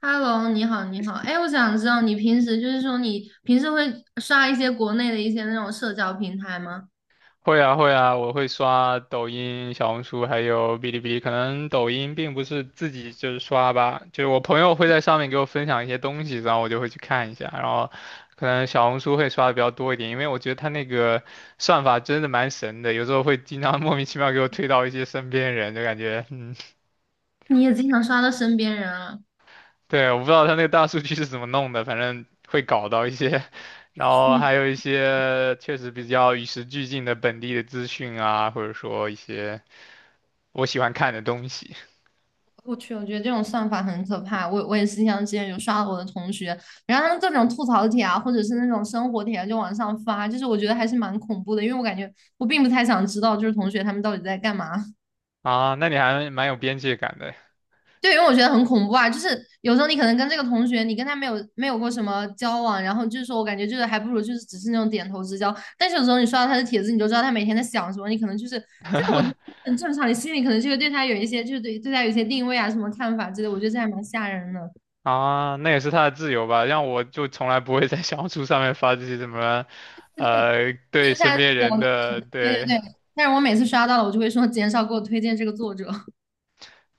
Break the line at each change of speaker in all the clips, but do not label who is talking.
Hello，你好，你好。哎，我想知道你平时会刷一些国内的一些那种社交平台吗？
会啊会啊，我会刷抖音、小红书，还有哔哩哔哩。可能抖音并不是自己就是刷吧，就是我朋友会在上面给我分享一些东西，然后我就会去看一下。然后可能小红书会刷的比较多一点，因为我觉得它那个算法真的蛮神的，有时候会经常 莫名其妙给我推到一些身边人，就感觉嗯，
你也经常刷到身边人啊？
对，我不知道它那个大数据是怎么弄的，反正会搞到一些。然后
去，
还有一些确实比较与时俱进的本地的资讯啊，或者说一些。我喜欢看的东西
我去，我觉得这种算法很可怕。我也是像之前有刷到我的同学，然后他们各种吐槽帖啊，或者是那种生活帖啊，就往上发，就是我觉得还是蛮恐怖的，因为我感觉我并不太想知道，就是同学他们到底在干嘛。
啊。那你还蛮有边界感的
对，因为我觉得很恐怖啊，就是有时候你可能跟这个同学，你跟他没有过什么交往，然后就是说我感觉就是还不如就是只是那种点头之交，但是有时候你刷到他的帖子，你就知道他每天在想什么，你可能就是这个我觉得 很正常，你心里可能就会对他有一些就是对他有一些定位啊什么看法之类的我觉得这还蛮吓人的。
啊，那也是他的自由吧？让我就从来不会在小红书上面发这些什么，对
接下
身
来
边人的
对
对，
对对，但是我每次刷到了，我就会说减少给我推荐这个作者，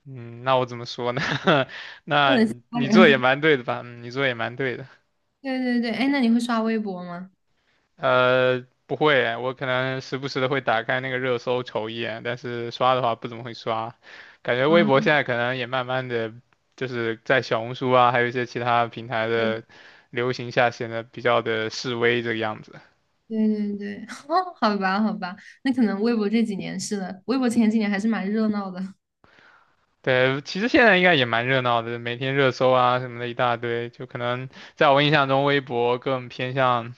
嗯，那我怎么说呢？
就
那
很
你
吓
你做得也
人。
蛮对的吧？嗯，你做得也蛮对的。
对对对，哎，那你会刷微博吗？
不会，我可能时不时的会打开那个热搜瞅一眼，但是刷的话不怎么会刷。感觉微
啊，
博现在可能也慢慢的，就是在小红书啊，还有一些其他平台的
对
流行下，显得比较的示威这个样子。
对对对，哦，好吧，好吧，那可能微博这几年是的，微博前几年还是蛮热闹的，
对，其实现在应该也蛮热闹的，每天热搜啊什么的一大堆，就可能在我印象中，微博更偏向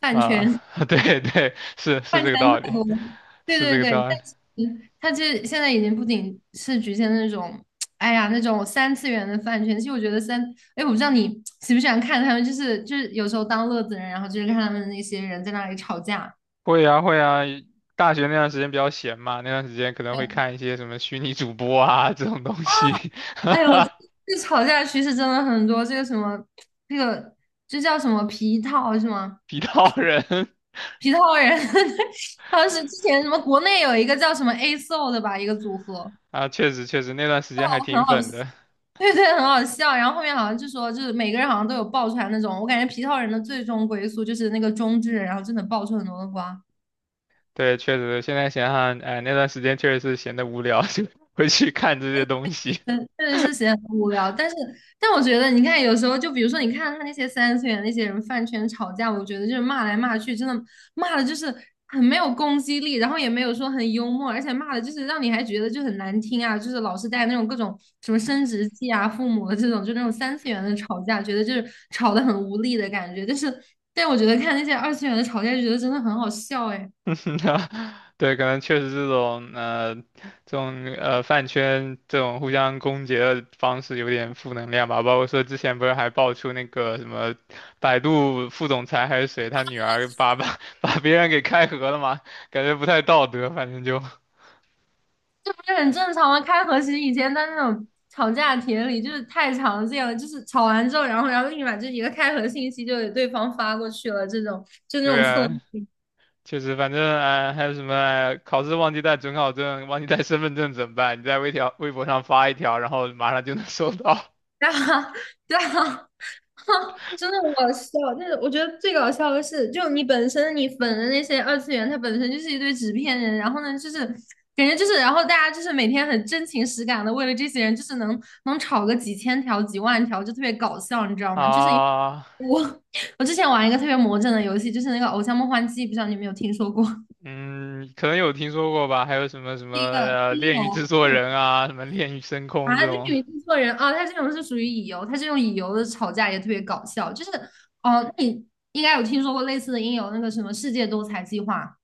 饭
啊，
圈
对对，是是
饭
这个
圈特
道理，
多。对
是这
对
个
对，
道
但
理。
是它这现在已经不仅是局限那种，哎呀，那种三次元的饭圈。其实我觉得三，哎，我不知道你喜不喜欢看他们，就是有时候当乐子人，然后就是看他们那些人在那里吵架。
会啊会啊，大学那段时间比较闲嘛，那段时间可能会看一些什么虚拟主播啊这种东西，哈
哎呦，
哈，
这吵架趋势真的很多，这个什么，这个这叫什么皮套是吗？
皮套人
皮套人，当时之前什么国内有一个叫什么 ASO 的吧，一个组合，
啊，确实确实那段时间还挺
很好
粉的。
对对，很好笑。然后后面好像就说，就是每个人好像都有爆出来那种，我感觉皮套人的最终归宿就是那个中之人，然后真的爆出很多的瓜。
对，确实现在想想，哎，那段时间确实是闲得无聊，就会去看这些东西。
嗯，确实是显得很无聊，但是，但我觉得，你看，有时候就比如说，你看他那些三次元那些人饭圈吵架，我觉得就是骂来骂去，真的骂的就是很没有攻击力，然后也没有说很幽默，而且骂的就是让你还觉得就很难听啊，就是老是带那种各种什么生殖器啊、父母的这种，就那种三次元的吵架，觉得就是吵得很无力的感觉。但是，但我觉得看那些二次元的吵架，就觉得真的很好笑哎。
对，可能确实这种饭圈这种互相攻讦的方式有点负能量吧。包括说之前不是还爆出那个什么百度副总裁还是谁，他女儿把 把别人给开盒了嘛，感觉不太道德。反正就
这很正常啊，开和其实以前在那种吵架帖里就是太常见了，就是吵完之后，然后立马就一个开合信息就给对方发过去了，这种 就那种
对
蹭，
啊，确实，反正啊、还有什么、考试忘记带准考证、忘记带身份证怎么办？你在微条微博上发一条，然后马上就能收到
对啊，对啊，真的很搞笑。但是我觉得最搞笑的是，就你本身你粉的那些二次元，它本身就是一堆纸片人，然后呢，就是感觉就是，然后大家就是每天很真情实感的为了这些人，就是能吵个几千条、几万条，就特别搞笑，你知道 吗？就是。
啊。
我之前玩一个特别魔怔的游戏，就是那个《偶像梦幻祭》，不知道你有没有听说过？
嗯，可能有听说过吧？还有什么什么
乙
炼狱制
游
作
是
人啊，什么炼狱深空这
啊，绿以
种
为错人啊？他这种是属于乙游，他这种乙游的吵架也特别搞笑。就是哦，那你应该有听说过类似的音游，那个什么世界多才计划，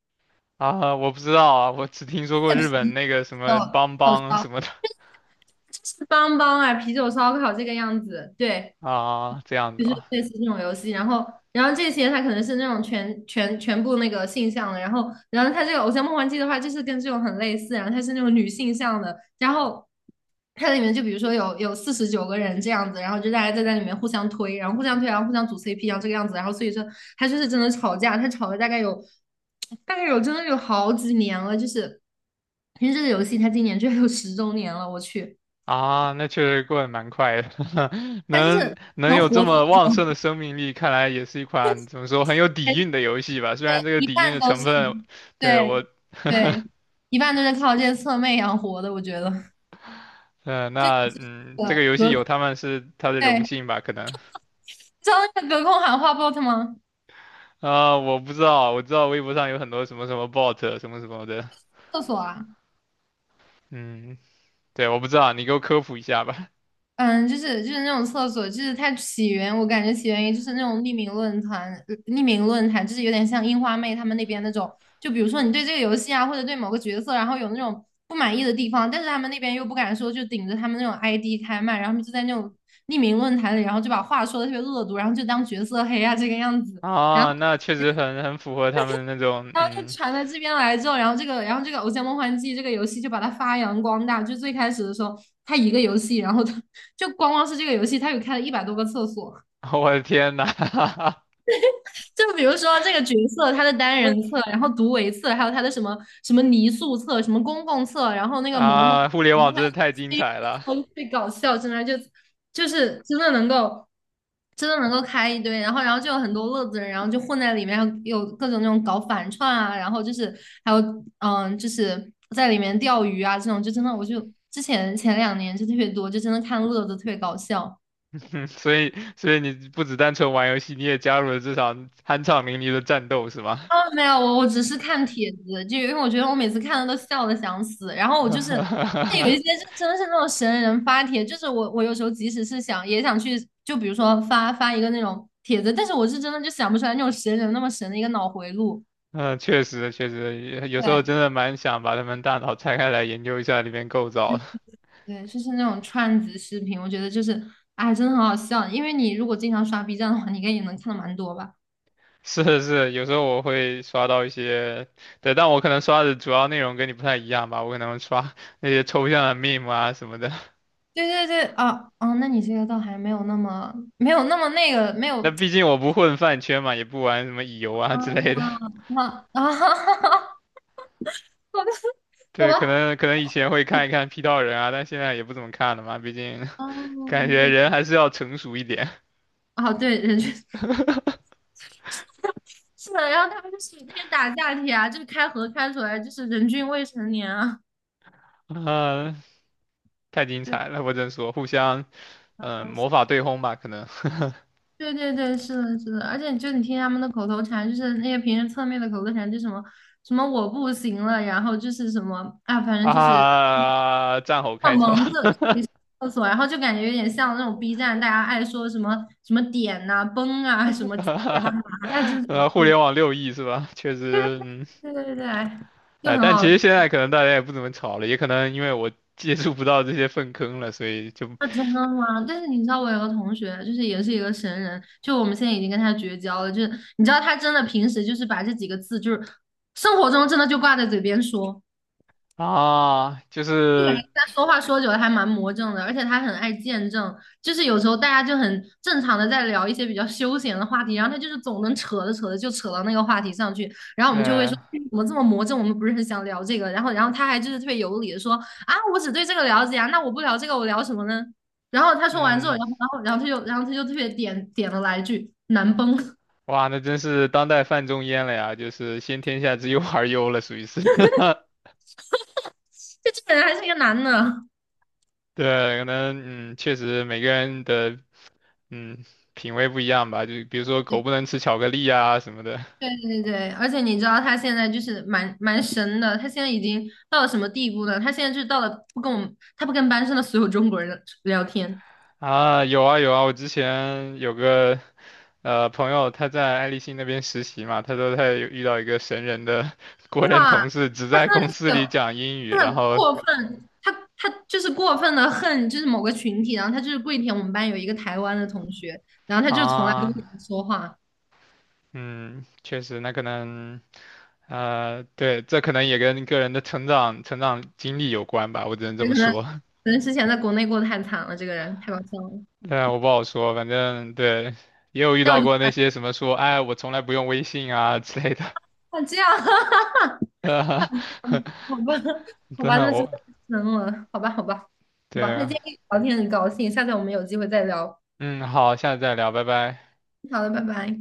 啊，我不知道啊，我只听说 过
在啤
日
酒
本
啤
那个什么邦
酒
邦
烧
什么的
是邦邦啊，啤酒烧烤这个样子。对，
啊，这样子
就是
吧？
类似这种游戏，然后，然后这些它可能是那种全部那个性向的，然后，然后它这个《偶像梦幻祭》的话，就是跟这种很类似，然后它是那种女性向的，然后它里面就比如说有49个人这样子，然后就大家在里面互相推然后互相组 CP,然后这个样子，然后所以说它就是真的吵架，它吵了大概有真的有好几年了，就是因为这个游戏它今年居然有10周年了，我去，
啊，那确实过得蛮快的，
它就
能
是
能
能
有这
活这么
么旺
久。
盛的生命力，看来也是一款怎么说很有底蕴的游戏吧。虽
对，
然这个
一
底蕴
半
的
都
成
是，
分，对我，
对对，一半都是靠这些侧妹养活的，我觉得。
嗯，呃
这
那嗯，这个
个
游
隔，
戏有他们是他的荣
对，
幸吧，可能。
知道那个隔空喊话 bot 吗？
啊，我不知道，我知道微博上有很多什么什么 bot 什么什么的，
厕所啊，
嗯，对，我不知道，你给我科普一下吧。
嗯，就是那种厕所，就是它起源，我感觉起源于就是那种匿名论坛就是有点像樱花妹他们那边那种，就比如说你对这个游戏啊，或者对某个角色，然后有那种不满意的地方，但是他们那边又不敢说，就顶着他们那种 ID 开麦，然后他们就在那种匿名论坛里，然后就把话说的特别恶毒，然后就当角色黑啊这个样子。然
啊，
后。
那确实很符合他们那种，
然后就
嗯，
传到这边来之后，然后这个，然后这个《偶像梦幻祭》这个游戏就把它发扬光大。就最开始的时候，它一个游戏，然后它就光光是这个游戏，它有开了100多个厕所。
我的天呐，
就比如说这个角色他的单人册，然后独维册，还有他的什么什么泥塑册、什么公共册，然后那个嬷嬷，
啊，互联
然
网
后还
真
有
的太精
c
彩了，
好，特最搞笑，真的就就是真的能够开一堆，然后就有很多乐子人，然后就混在里面，然后有各种那种搞反串啊，然后就是还有嗯，就是在里面钓鱼啊这种，就真的我就之前前两年就特别多，就真的看乐子特别搞笑。
所以所以你不只单纯玩游戏，你也加入了这场酣畅淋漓的战斗，是吗？
哦，没有，我只是看帖子，就因为我觉得我每次看的都笑的想死。然后我就是，那有一些 是真的是那种神人发帖，就是我我有时候即使是想也想去，就比如说发发一个那种帖子，但是我是真的就想不出来那种神人那么神的一个脑回路。
嗯，确实确实，有时候
对
真的蛮想把他们大脑拆开来研究一下里面构造的。
对，就是那种串子视频，我觉得就是哎，真的很好笑。因为你如果经常刷 B 站的话，你应该也能看的蛮多吧？
是是，有时候我会刷到一些，对，但我可能刷的主要内容跟你不太一样吧，我可能刷 那些抽象的 meme 啊什么的。
对对对，啊啊，那你这个倒还没有那么没有那么那个没
那
有
毕竟我不混饭圈嘛，也不玩什么乙游啊之类的。
啊 啊啊！好的，好
对，可
吧。
能可能以前会看一看 P 到人啊，但现在也不怎么看了嘛，毕竟
哦，
感觉
对，
人还是要成熟一点。
哦，对，人均 是的，然后他们就是那个打架帖啊，就是开合开出来，就是人均未成年啊，
啊、太精
对，
彩了，我只能说，互相
好
嗯、
好笑
魔法对轰吧，可能
对对对，是的，是的，而且就你听他们的口头禅，就是那些平时侧面的口头禅，就什么什么我不行了，然后就是什么啊，反 正就是
啊，战吼
像
开头。
蒙着这里是厕所，然后就感觉有点像那种 B 站大家爱说什么什么点呐、崩啊、什么鸡啊、麻呀这种，
互联网六亿是吧？确实，嗯，
对对对对，哎就
哎，
很
但其
好。
实现在可能大家也不怎么吵了，也可能因为我接触不到这些粪坑了，所以就
啊，真的吗？但是你知道，我有个同学，就是也是一个神人，就我们现在已经跟他绝交了。就是你知道，他真的平时就是把这几个字，就是生活中真的就挂在嘴边说。
啊，就
我感觉
是
他说话说久了还蛮魔怔的，而且他很爱见证，就是有时候大家就很正常的在聊一些比较休闲的话题，然后他就是总能扯着扯着就扯到那个话题上去，然后我们就会
对，
说嗯怎么这么魔怔，我们不是很想聊这个，然后他还就是特别有理的说啊，我只对这个了解啊，那我不聊这个我聊什么呢？然后他说完之后，
嗯，
然后然后然后他就然后他就特别点了来一句难崩，就
哇，那真是当代范仲淹了呀，就是先天下之忧而忧了，属于是。
这个人还是一个男的，
对，可能嗯，确实每个人的嗯品味不一样吧，就比如说狗不能吃巧克力啊什么的
对对对，而且你知道他现在就是蛮神的，他现在已经到了什么地步呢？他现在就是到了不跟我们，他不跟班上的所有中国人聊天，
啊，有啊有啊，我之前有个朋友他在爱立信那边实习嘛，他说他有遇到一个神人的 国
对
人
吧？
同事，只
他
在
真的
公
就
司
是
里
有
讲英语，
真
然
的
后
过分，他就是过分的恨，就是某个群体，然后他就是跪舔我们班有一个台湾的同学，然后他就从来都不
啊，
跟我们说话，
嗯，确实，那可能对，这可能也跟个人的成长经历有关吧，我只能这
所
么
可能
说。
可能之前在国内过得太惨了，这个人太搞笑了，
但我不好说，反正对，也有遇
但我
到
就不
过那
敢
些什么说，哎，我从来不用微信啊之类的。
像这样。
呃，
嗯，好吧，好吧，
但
那真
我
的太深了，好吧，好吧，好吧，
对
那今
啊，
天跟你聊天很高兴，下次我们有机会再聊，
嗯，好，下次再聊，拜拜。
好的，拜拜。